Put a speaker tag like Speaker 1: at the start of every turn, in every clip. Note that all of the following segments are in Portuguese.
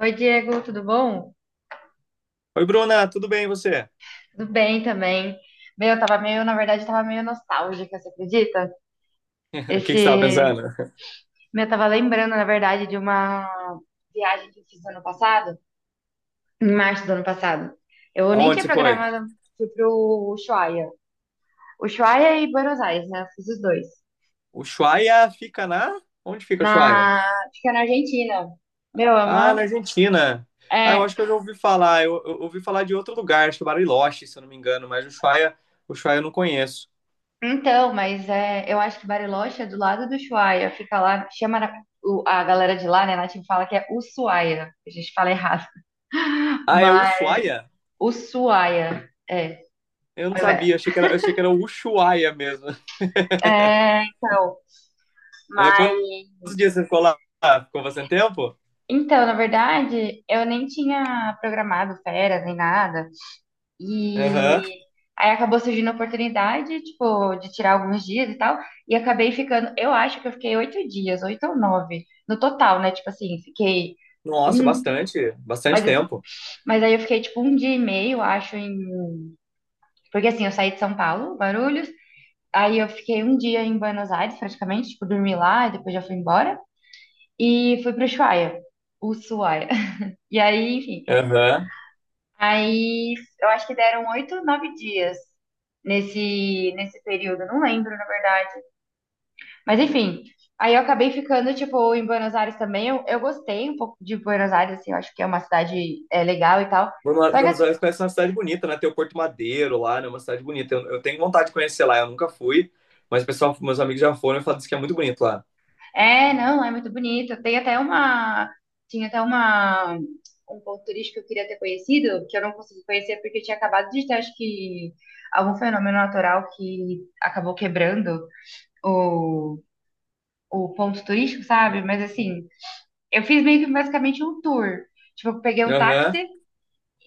Speaker 1: Oi, Diego, tudo bom?
Speaker 2: Oi, Bruna, tudo bem e você?
Speaker 1: Tudo bem também. Meu, eu tava meio, na verdade, tava meio nostálgica, você acredita?
Speaker 2: O que que você estava
Speaker 1: Esse,
Speaker 2: pensando?
Speaker 1: meu, eu tava lembrando, na verdade, de uma viagem que eu fiz ano passado, em março do ano passado. Eu nem
Speaker 2: Aonde
Speaker 1: tinha
Speaker 2: você foi?
Speaker 1: programado, fui pro Ushuaia. Ushuaia e Buenos Aires, né? Eu fiz os dois.
Speaker 2: O Ushuaia fica na? Onde fica o Ushuaia?
Speaker 1: Na, Fica na Argentina. Meu, é
Speaker 2: Ah,
Speaker 1: uma,
Speaker 2: na Argentina. Ah, eu
Speaker 1: é,
Speaker 2: acho que eu já ouvi falar. Eu ouvi falar de outro lugar, acho que é Bariloche, se eu não me engano, mas o Ushuaia eu não conheço.
Speaker 1: Então, mas é, eu acho que Bariloche é do lado do Ushuaia, fica lá, chama, a galera de lá, né, a Nath fala que é Ushuaia, a gente fala errado,
Speaker 2: Ah, é o
Speaker 1: mas
Speaker 2: Ushuaia?
Speaker 1: Ushuaia, é,
Speaker 2: Eu não
Speaker 1: olha, velho.
Speaker 2: sabia, achei que era o Ushuaia mesmo.
Speaker 1: é, então,
Speaker 2: É,
Speaker 1: mas,
Speaker 2: quantos dias você ficou lá? Ficou bastante tempo?
Speaker 1: então, na verdade, eu nem tinha programado férias nem nada,
Speaker 2: Aham.
Speaker 1: e aí acabou surgindo a oportunidade, tipo, de tirar alguns dias e tal, e acabei ficando, eu acho que eu fiquei 8 dias, 8 ou 9, no total, né, tipo assim, fiquei...
Speaker 2: Nossa,
Speaker 1: um
Speaker 2: bastante
Speaker 1: Mas, eu-
Speaker 2: tempo.
Speaker 1: mas aí eu fiquei tipo um dia e meio, acho. Porque assim, eu saí de São Paulo, Guarulhos. Aí eu fiquei um dia em Buenos Aires, praticamente, tipo, dormi lá, e depois já fui embora. E fui pro Ushuaia, Ushuaia. E aí, enfim.
Speaker 2: Aham.
Speaker 1: Aí eu acho que deram 8, 9 dias nesse período, não lembro, na verdade. Mas enfim, aí eu acabei ficando, tipo, em Buenos Aires também. Eu gostei um pouco de Buenos Aires, assim, eu acho que é uma cidade é, legal e tal.
Speaker 2: Buenos
Speaker 1: Só que
Speaker 2: Buenos
Speaker 1: assim,
Speaker 2: Aires parece uma cidade bonita, né? Tem o Porto Madeiro lá, né? Uma cidade bonita. Eu tenho vontade de conhecer lá, eu nunca fui, mas o pessoal, meus amigos já foram e falaram que é muito bonito lá.
Speaker 1: É, não, é muito bonito. Tinha até uma, um ponto turístico que eu queria ter conhecido, que eu não consegui conhecer porque eu tinha acabado de ter, acho que, algum fenômeno natural que acabou quebrando o, o ponto turístico, sabe? Mas assim, eu fiz meio que basicamente um tour. Tipo, eu peguei um
Speaker 2: Aham,
Speaker 1: táxi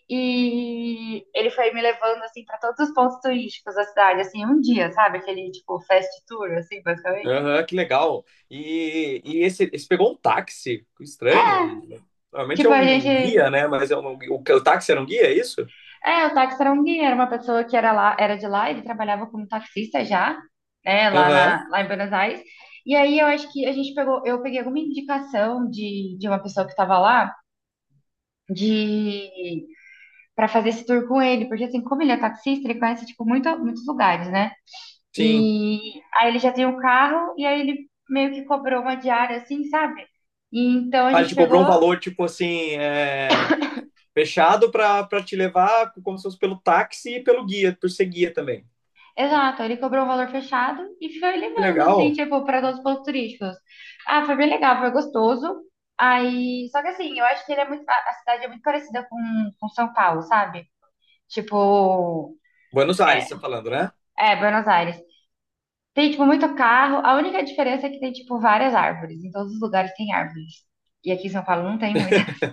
Speaker 1: e ele foi me levando, assim, para todos os pontos turísticos da cidade, assim, um dia, sabe? Aquele, tipo, fast tour, assim, basicamente.
Speaker 2: aham, que legal. E, esse pegou um táxi, que estranho. Normalmente é
Speaker 1: Tipo, a
Speaker 2: um
Speaker 1: gente
Speaker 2: guia, né? Mas é o táxi era um guia, é isso?
Speaker 1: É, o táxi era um guia, era uma pessoa que era lá, era de lá, ele trabalhava como taxista já, né, lá
Speaker 2: Aham,
Speaker 1: na, lá em Buenos Aires. E aí eu acho que a gente pegou, eu peguei alguma indicação de uma pessoa que estava lá de para fazer esse tour com ele, porque assim, como ele é taxista, ele conhece tipo muito, muitos lugares, né?
Speaker 2: sim.
Speaker 1: E aí ele já tem um carro e aí ele meio que cobrou uma diária assim, sabe? E então a
Speaker 2: Ah, ele
Speaker 1: gente
Speaker 2: te
Speaker 1: pegou
Speaker 2: cobrou um valor, tipo assim, é, fechado pra, pra te levar como se fosse pelo táxi e pelo guia, por ser guia também.
Speaker 1: Exato, ele cobrou um valor fechado e foi
Speaker 2: Que
Speaker 1: levando, assim,
Speaker 2: legal.
Speaker 1: tipo, para todos os pontos turísticos. Ah, foi bem legal, foi gostoso. Aí, só que assim, eu acho que ele é muito, a cidade é muito parecida com São Paulo, sabe? Tipo,
Speaker 2: Buenos Aires,
Speaker 1: é,
Speaker 2: você tá falando, né?
Speaker 1: Buenos Aires. Tem, tipo, muito carro. A única diferença é que tem, tipo, várias árvores. Em todos os lugares tem árvores. E aqui em São Paulo não tem muita.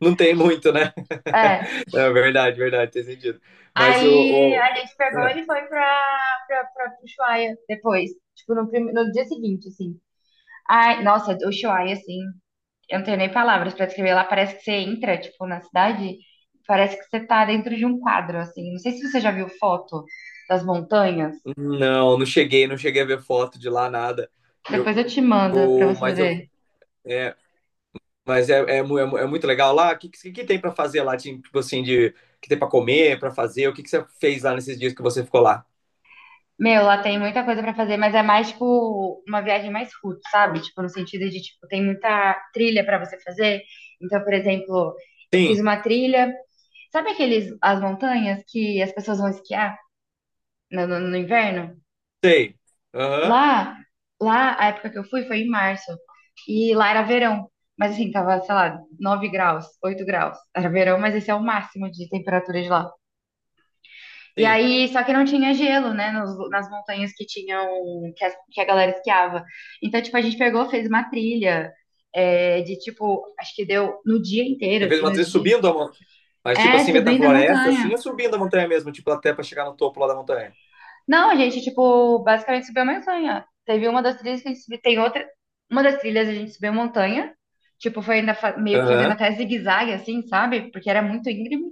Speaker 2: Não tem muito, né?
Speaker 1: É.
Speaker 2: É verdade, verdade, tem sentido. Mas
Speaker 1: Aí a gente
Speaker 2: o-
Speaker 1: pegou
Speaker 2: é,
Speaker 1: ele e foi pra Ushuaia depois. Tipo, no dia seguinte, assim. Ai, nossa, o Ushuaia, assim. Eu não tenho nem palavras pra descrever. Lá parece que você entra, tipo, na cidade, parece que você tá dentro de um quadro, assim. Não sei se você já viu foto das montanhas.
Speaker 2: não, não cheguei a ver foto de lá, nada. Eu,
Speaker 1: Depois eu te mando pra você
Speaker 2: mas eu,
Speaker 1: ver.
Speaker 2: é, mas é, é, mu- é mu- é muito legal lá. O que, que tem para fazer lá, tipo assim, de que tem para comer, para fazer? O que, que você fez lá nesses dias que você ficou lá?
Speaker 1: Meu, lá tem muita coisa pra fazer, mas é mais tipo uma viagem mais roots, sabe? Tipo, no sentido de, tipo, tem muita trilha pra você fazer. Então, por exemplo, eu
Speaker 2: Sim,
Speaker 1: fiz uma trilha. Sabe aqueles, as montanhas que as pessoas vão esquiar no inverno?
Speaker 2: sei. Aham,
Speaker 1: Lá, lá, a época que eu fui foi em março. E lá era verão. Mas assim, tava, sei lá, 9 graus, 8 graus. Era verão, mas esse é o máximo de temperatura de lá. E
Speaker 2: sim.
Speaker 1: aí, só que não tinha gelo, né? Nas montanhas que tinham, que a galera esquiava. Então, tipo, a gente pegou, fez uma trilha, é, de tipo, acho que deu no dia inteiro,
Speaker 2: Você fez
Speaker 1: assim,
Speaker 2: uma
Speaker 1: nos
Speaker 2: trilha
Speaker 1: dias.
Speaker 2: subindo a montanha, mas tipo
Speaker 1: É,
Speaker 2: assim,
Speaker 1: subindo a
Speaker 2: metafloresta, assim,
Speaker 1: montanha.
Speaker 2: ou subindo a montanha mesmo, tipo até para chegar no topo lá da montanha?
Speaker 1: Não, a gente, tipo, basicamente subiu a montanha. Teve uma das trilhas que a gente subiu, tem outra. Uma das trilhas a gente subiu a montanha. Tipo, meio que fazendo
Speaker 2: Aham.
Speaker 1: até zigue-zague, assim, sabe? Porque era muito íngreme.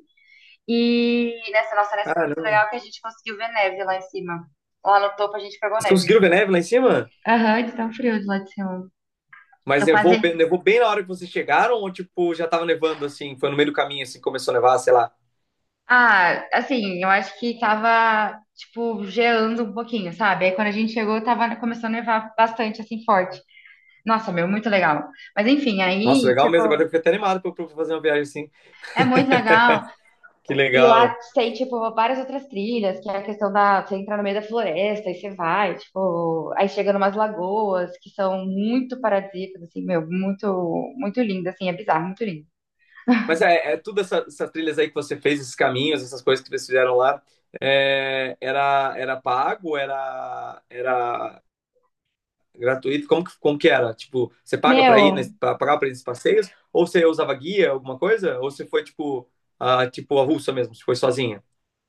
Speaker 1: E nessa foi muito
Speaker 2: Caramba.
Speaker 1: legal que a gente conseguiu ver neve lá em cima. Lá no topo a gente pegou
Speaker 2: Vocês
Speaker 1: neve.
Speaker 2: conseguiram ver neve lá em cima?
Speaker 1: Aham, de tão frio de lá de cima.
Speaker 2: Mas
Speaker 1: Eu quase.
Speaker 2: nevou bem na hora que vocês chegaram ou, tipo, já tava nevando, assim? Foi no meio do caminho, assim, começou a nevar, sei lá.
Speaker 1: Ah, assim, eu acho que tava, tipo, geando um pouquinho, sabe? Aí quando a gente chegou, tava começando a nevar bastante, assim, forte. Nossa, meu, muito legal. Mas enfim,
Speaker 2: Nossa,
Speaker 1: aí,
Speaker 2: legal
Speaker 1: tipo,
Speaker 2: mesmo. Agora eu fiquei até animado pra fazer uma viagem assim.
Speaker 1: É muito legal.
Speaker 2: Que
Speaker 1: E lá
Speaker 2: legal.
Speaker 1: tem, tipo, várias outras trilhas, que é a questão da você entrar no meio da floresta e você vai, tipo, aí chega numas lagoas que são muito paradisíacas, assim, meu, muito, muito lindo, assim, é bizarro, muito lindo.
Speaker 2: Mas é, é tudo essa, essas trilhas aí que você fez, esses caminhos, essas coisas que vocês fizeram lá. É, era pago? Era gratuito? Como que era? Tipo, você paga pra ir,
Speaker 1: Meu,
Speaker 2: nesse, pra pagar pra ir nesses passeios? Ou você usava guia, alguma coisa? Ou você foi, tipo, a russa mesmo? Você foi sozinha?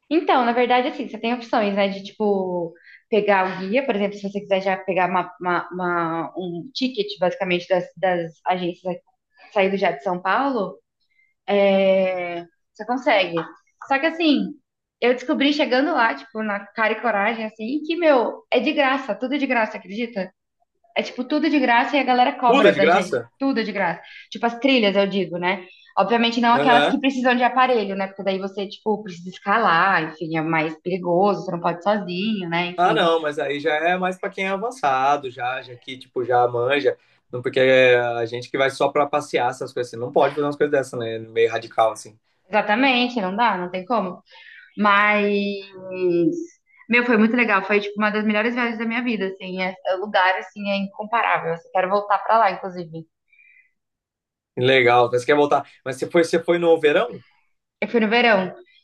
Speaker 1: então, na verdade, assim, você tem opções, né, de, tipo, pegar o guia, por exemplo, se você quiser já pegar um ticket, basicamente, das agências, sair do já de São Paulo, É, você consegue. Só que assim, eu descobri chegando lá, tipo, na cara e coragem, assim, que, meu, é de graça, tudo é de graça, acredita? É tipo, tudo de graça e a galera
Speaker 2: Tudo é
Speaker 1: cobra
Speaker 2: de
Speaker 1: da gente,
Speaker 2: graça?
Speaker 1: tudo é de graça. Tipo, as trilhas, eu digo, né? Obviamente não aquelas que
Speaker 2: Aham.
Speaker 1: precisam de aparelho, né? Porque daí você, tipo, precisa escalar, enfim, é mais perigoso, você não pode ir sozinho, né?
Speaker 2: Ah,
Speaker 1: Enfim.
Speaker 2: não, mas aí já é mais para quem é avançado, já que, tipo, já manja. Não, porque é a gente que vai só para passear essas coisas, você não pode fazer umas coisas dessas, né? Meio radical, assim.
Speaker 1: Exatamente, não dá, não tem como. Mas, meu, foi muito legal. Foi, tipo, uma das melhores viagens da minha vida, assim. É, é lugar, assim, é incomparável. Eu quero voltar pra lá, inclusive.
Speaker 2: Legal, mas você quer voltar. Mas você foi no verão?
Speaker 1: Eu fui no verão.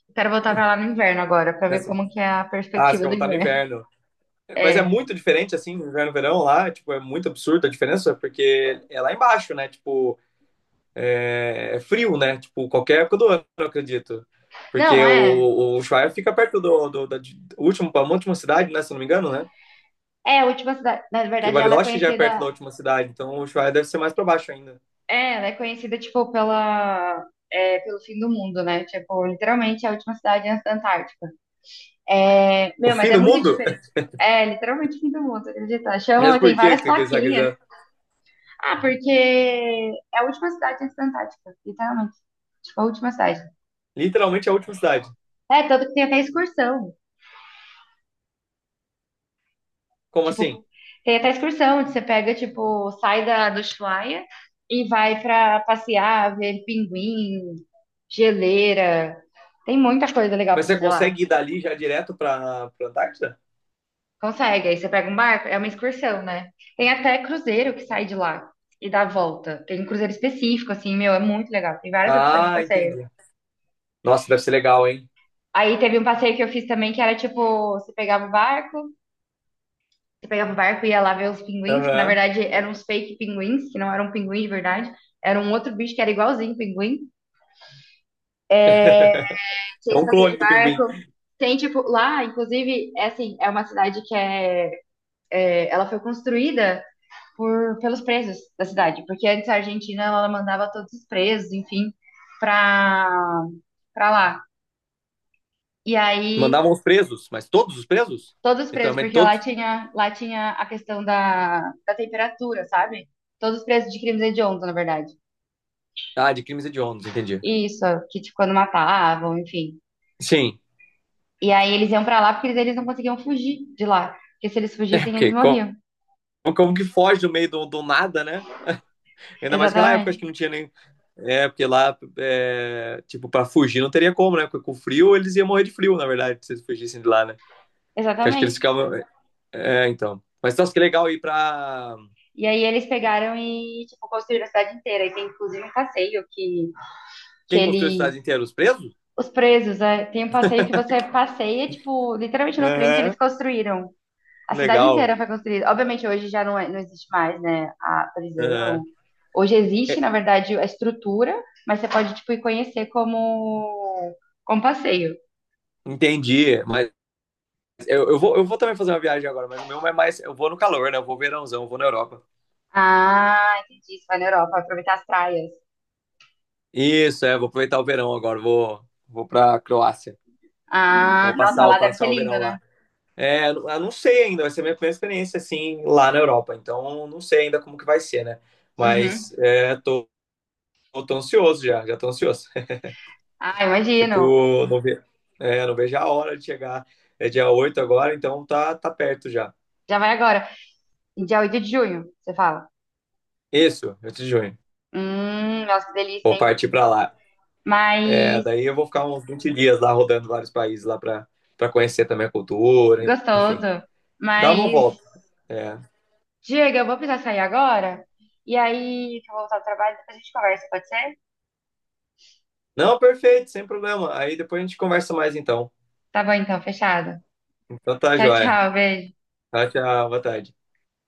Speaker 1: Eu quero voltar pra lá no inverno agora, pra ver
Speaker 2: Nessa-
Speaker 1: como que é a
Speaker 2: Ah, você
Speaker 1: perspectiva
Speaker 2: quer
Speaker 1: do
Speaker 2: voltar no
Speaker 1: inverno.
Speaker 2: inverno. Mas é
Speaker 1: É.
Speaker 2: muito diferente, assim, inverno, e verão lá, tipo, é muito absurda a diferença, porque é lá embaixo, né? Tipo, é, é frio, né? Tipo, qualquer época do ano, eu acredito.
Speaker 1: Não,
Speaker 2: Porque o,
Speaker 1: é.
Speaker 2: o Ushuaia fica perto da último, a última cidade, né? Se eu não me engano, né?
Speaker 1: É, a última cidade. Na
Speaker 2: Porque
Speaker 1: verdade, ela é
Speaker 2: Bariloche já é
Speaker 1: conhecida...
Speaker 2: perto da última cidade, então o Ushuaia deve ser mais para baixo ainda.
Speaker 1: É, ela é conhecida, tipo, pela... é, pelo fim do mundo, né? Tipo, literalmente é a última cidade antes da Antártica. É,
Speaker 2: O
Speaker 1: meu, mas
Speaker 2: fim
Speaker 1: é
Speaker 2: do
Speaker 1: muito
Speaker 2: mundo?
Speaker 1: diferente. É, literalmente fim do mundo, acredita?
Speaker 2: Mas
Speaker 1: Chama, tem
Speaker 2: por que
Speaker 1: várias
Speaker 2: que você
Speaker 1: plaquinhas.
Speaker 2: quiser?
Speaker 1: Ah, porque é a última cidade antes da Antártica, literalmente. Tipo, a última cidade.
Speaker 2: Literalmente é a última cidade.
Speaker 1: É, tanto que tem até excursão.
Speaker 2: Como assim?
Speaker 1: Tipo, tem até excursão, onde você pega, tipo, sai do Ushuaia e vai pra passear, ver pinguim, geleira. Tem muita coisa legal
Speaker 2: Mas
Speaker 1: pra
Speaker 2: você
Speaker 1: fazer lá.
Speaker 2: consegue ir dali já direto para Antártida?
Speaker 1: Consegue, aí você pega um barco, é uma excursão, né? Tem até cruzeiro que sai de lá e dá a volta. Tem um cruzeiro específico, assim, meu, é muito legal. Tem várias opções de
Speaker 2: Ah,
Speaker 1: passeio.
Speaker 2: entendi. Nossa, deve ser legal, hein?
Speaker 1: Aí teve um passeio que eu fiz também que era tipo, você pegava o barco e ia lá ver os pinguins, que na
Speaker 2: Aham.
Speaker 1: verdade eram os fake pinguins, que não eram pinguins de verdade, era um outro bicho que era igualzinho pinguim. Tinha
Speaker 2: É
Speaker 1: esse
Speaker 2: um
Speaker 1: passeio de
Speaker 2: clone do pinguim.
Speaker 1: barco. Tem tipo, lá, inclusive, é assim, é uma cidade que é, ela foi construída por pelos presos da cidade, porque antes a Argentina ela mandava todos os presos, enfim, pra para lá. E aí
Speaker 2: Mandavam os presos, mas todos os presos?
Speaker 1: Todos presos,
Speaker 2: Literalmente
Speaker 1: porque
Speaker 2: todos?
Speaker 1: lá tinha a questão da, da temperatura, sabe? Todos presos de crimes hediondos, na verdade.
Speaker 2: Ah, de crimes hediondos, entendi.
Speaker 1: Isso, que tipo, quando matavam, enfim.
Speaker 2: Sim.
Speaker 1: E aí eles iam pra lá porque eles não conseguiam fugir de lá. Porque se eles
Speaker 2: É
Speaker 1: fugissem, eles
Speaker 2: porque
Speaker 1: morriam.
Speaker 2: como que foge do meio do nada, né? Ainda mais naquela época,
Speaker 1: Exatamente.
Speaker 2: acho que não tinha nem. É, porque lá, é, tipo, pra fugir não teria como, né? Porque com frio eles iam morrer de frio, na verdade, se eles fugissem de lá, né? Que acho que
Speaker 1: Exatamente.
Speaker 2: eles ficavam. É, então. Mas nossa, que legal ir pra.
Speaker 1: E aí eles pegaram e, tipo, construíram a cidade inteira. E tem, inclusive, um passeio que
Speaker 2: Quem construiu a
Speaker 1: eles...
Speaker 2: cidade inteira? Os presos?
Speaker 1: Os presos, é, tem um passeio que você passeia, tipo, literalmente no trem que eles
Speaker 2: Aham,
Speaker 1: construíram. A cidade
Speaker 2: legal.
Speaker 1: inteira foi construída. Obviamente, hoje já não, não existe mais, né, a
Speaker 2: Aham.
Speaker 1: prisão. Hoje existe,
Speaker 2: É,
Speaker 1: na verdade, a estrutura, mas você pode, tipo, ir conhecer como, como passeio.
Speaker 2: entendi. Mas eu vou também fazer uma viagem agora, mas o meu é mais. Eu vou no calor, né? Eu vou verãozão, eu vou na Europa.
Speaker 1: Ah, entendi. Você vai na Europa, vai aproveitar as praias.
Speaker 2: Isso, é, vou aproveitar o verão agora, vou pra Croácia.
Speaker 1: Ah, nossa,
Speaker 2: Vou
Speaker 1: lá deve ser
Speaker 2: passar o
Speaker 1: lindo,
Speaker 2: verão
Speaker 1: né?
Speaker 2: lá. É, eu não sei ainda, vai ser a minha primeira experiência assim lá na Europa, então não sei ainda como que vai ser, né?
Speaker 1: Uhum.
Speaker 2: Mas tô ansioso já, já tô ansioso.
Speaker 1: Ah, imagino.
Speaker 2: Tipo, não ve, não vejo a hora de chegar. É dia 8 agora, então tá perto já.
Speaker 1: Já vai agora. Dia 8 de junho, você fala.
Speaker 2: Isso, 8 de junho.
Speaker 1: Nossa, que delícia,
Speaker 2: Vou
Speaker 1: hein?
Speaker 2: partir pra lá. É,
Speaker 1: Mas
Speaker 2: daí eu vou ficar uns 20 dias lá rodando vários países lá pra, pra conhecer também a cultura, enfim.
Speaker 1: gostoso.
Speaker 2: Dá uma
Speaker 1: Mas
Speaker 2: volta. É.
Speaker 1: Diego, eu vou precisar sair agora. E aí, que eu vou voltar ao trabalho, depois a gente conversa, pode ser?
Speaker 2: Não, perfeito, sem problema. Aí depois a gente conversa mais então.
Speaker 1: Tá bom então, fechado.
Speaker 2: Então tá,
Speaker 1: Tchau,
Speaker 2: joia.
Speaker 1: tchau, beijo.
Speaker 2: Tchau, tchau, boa tarde.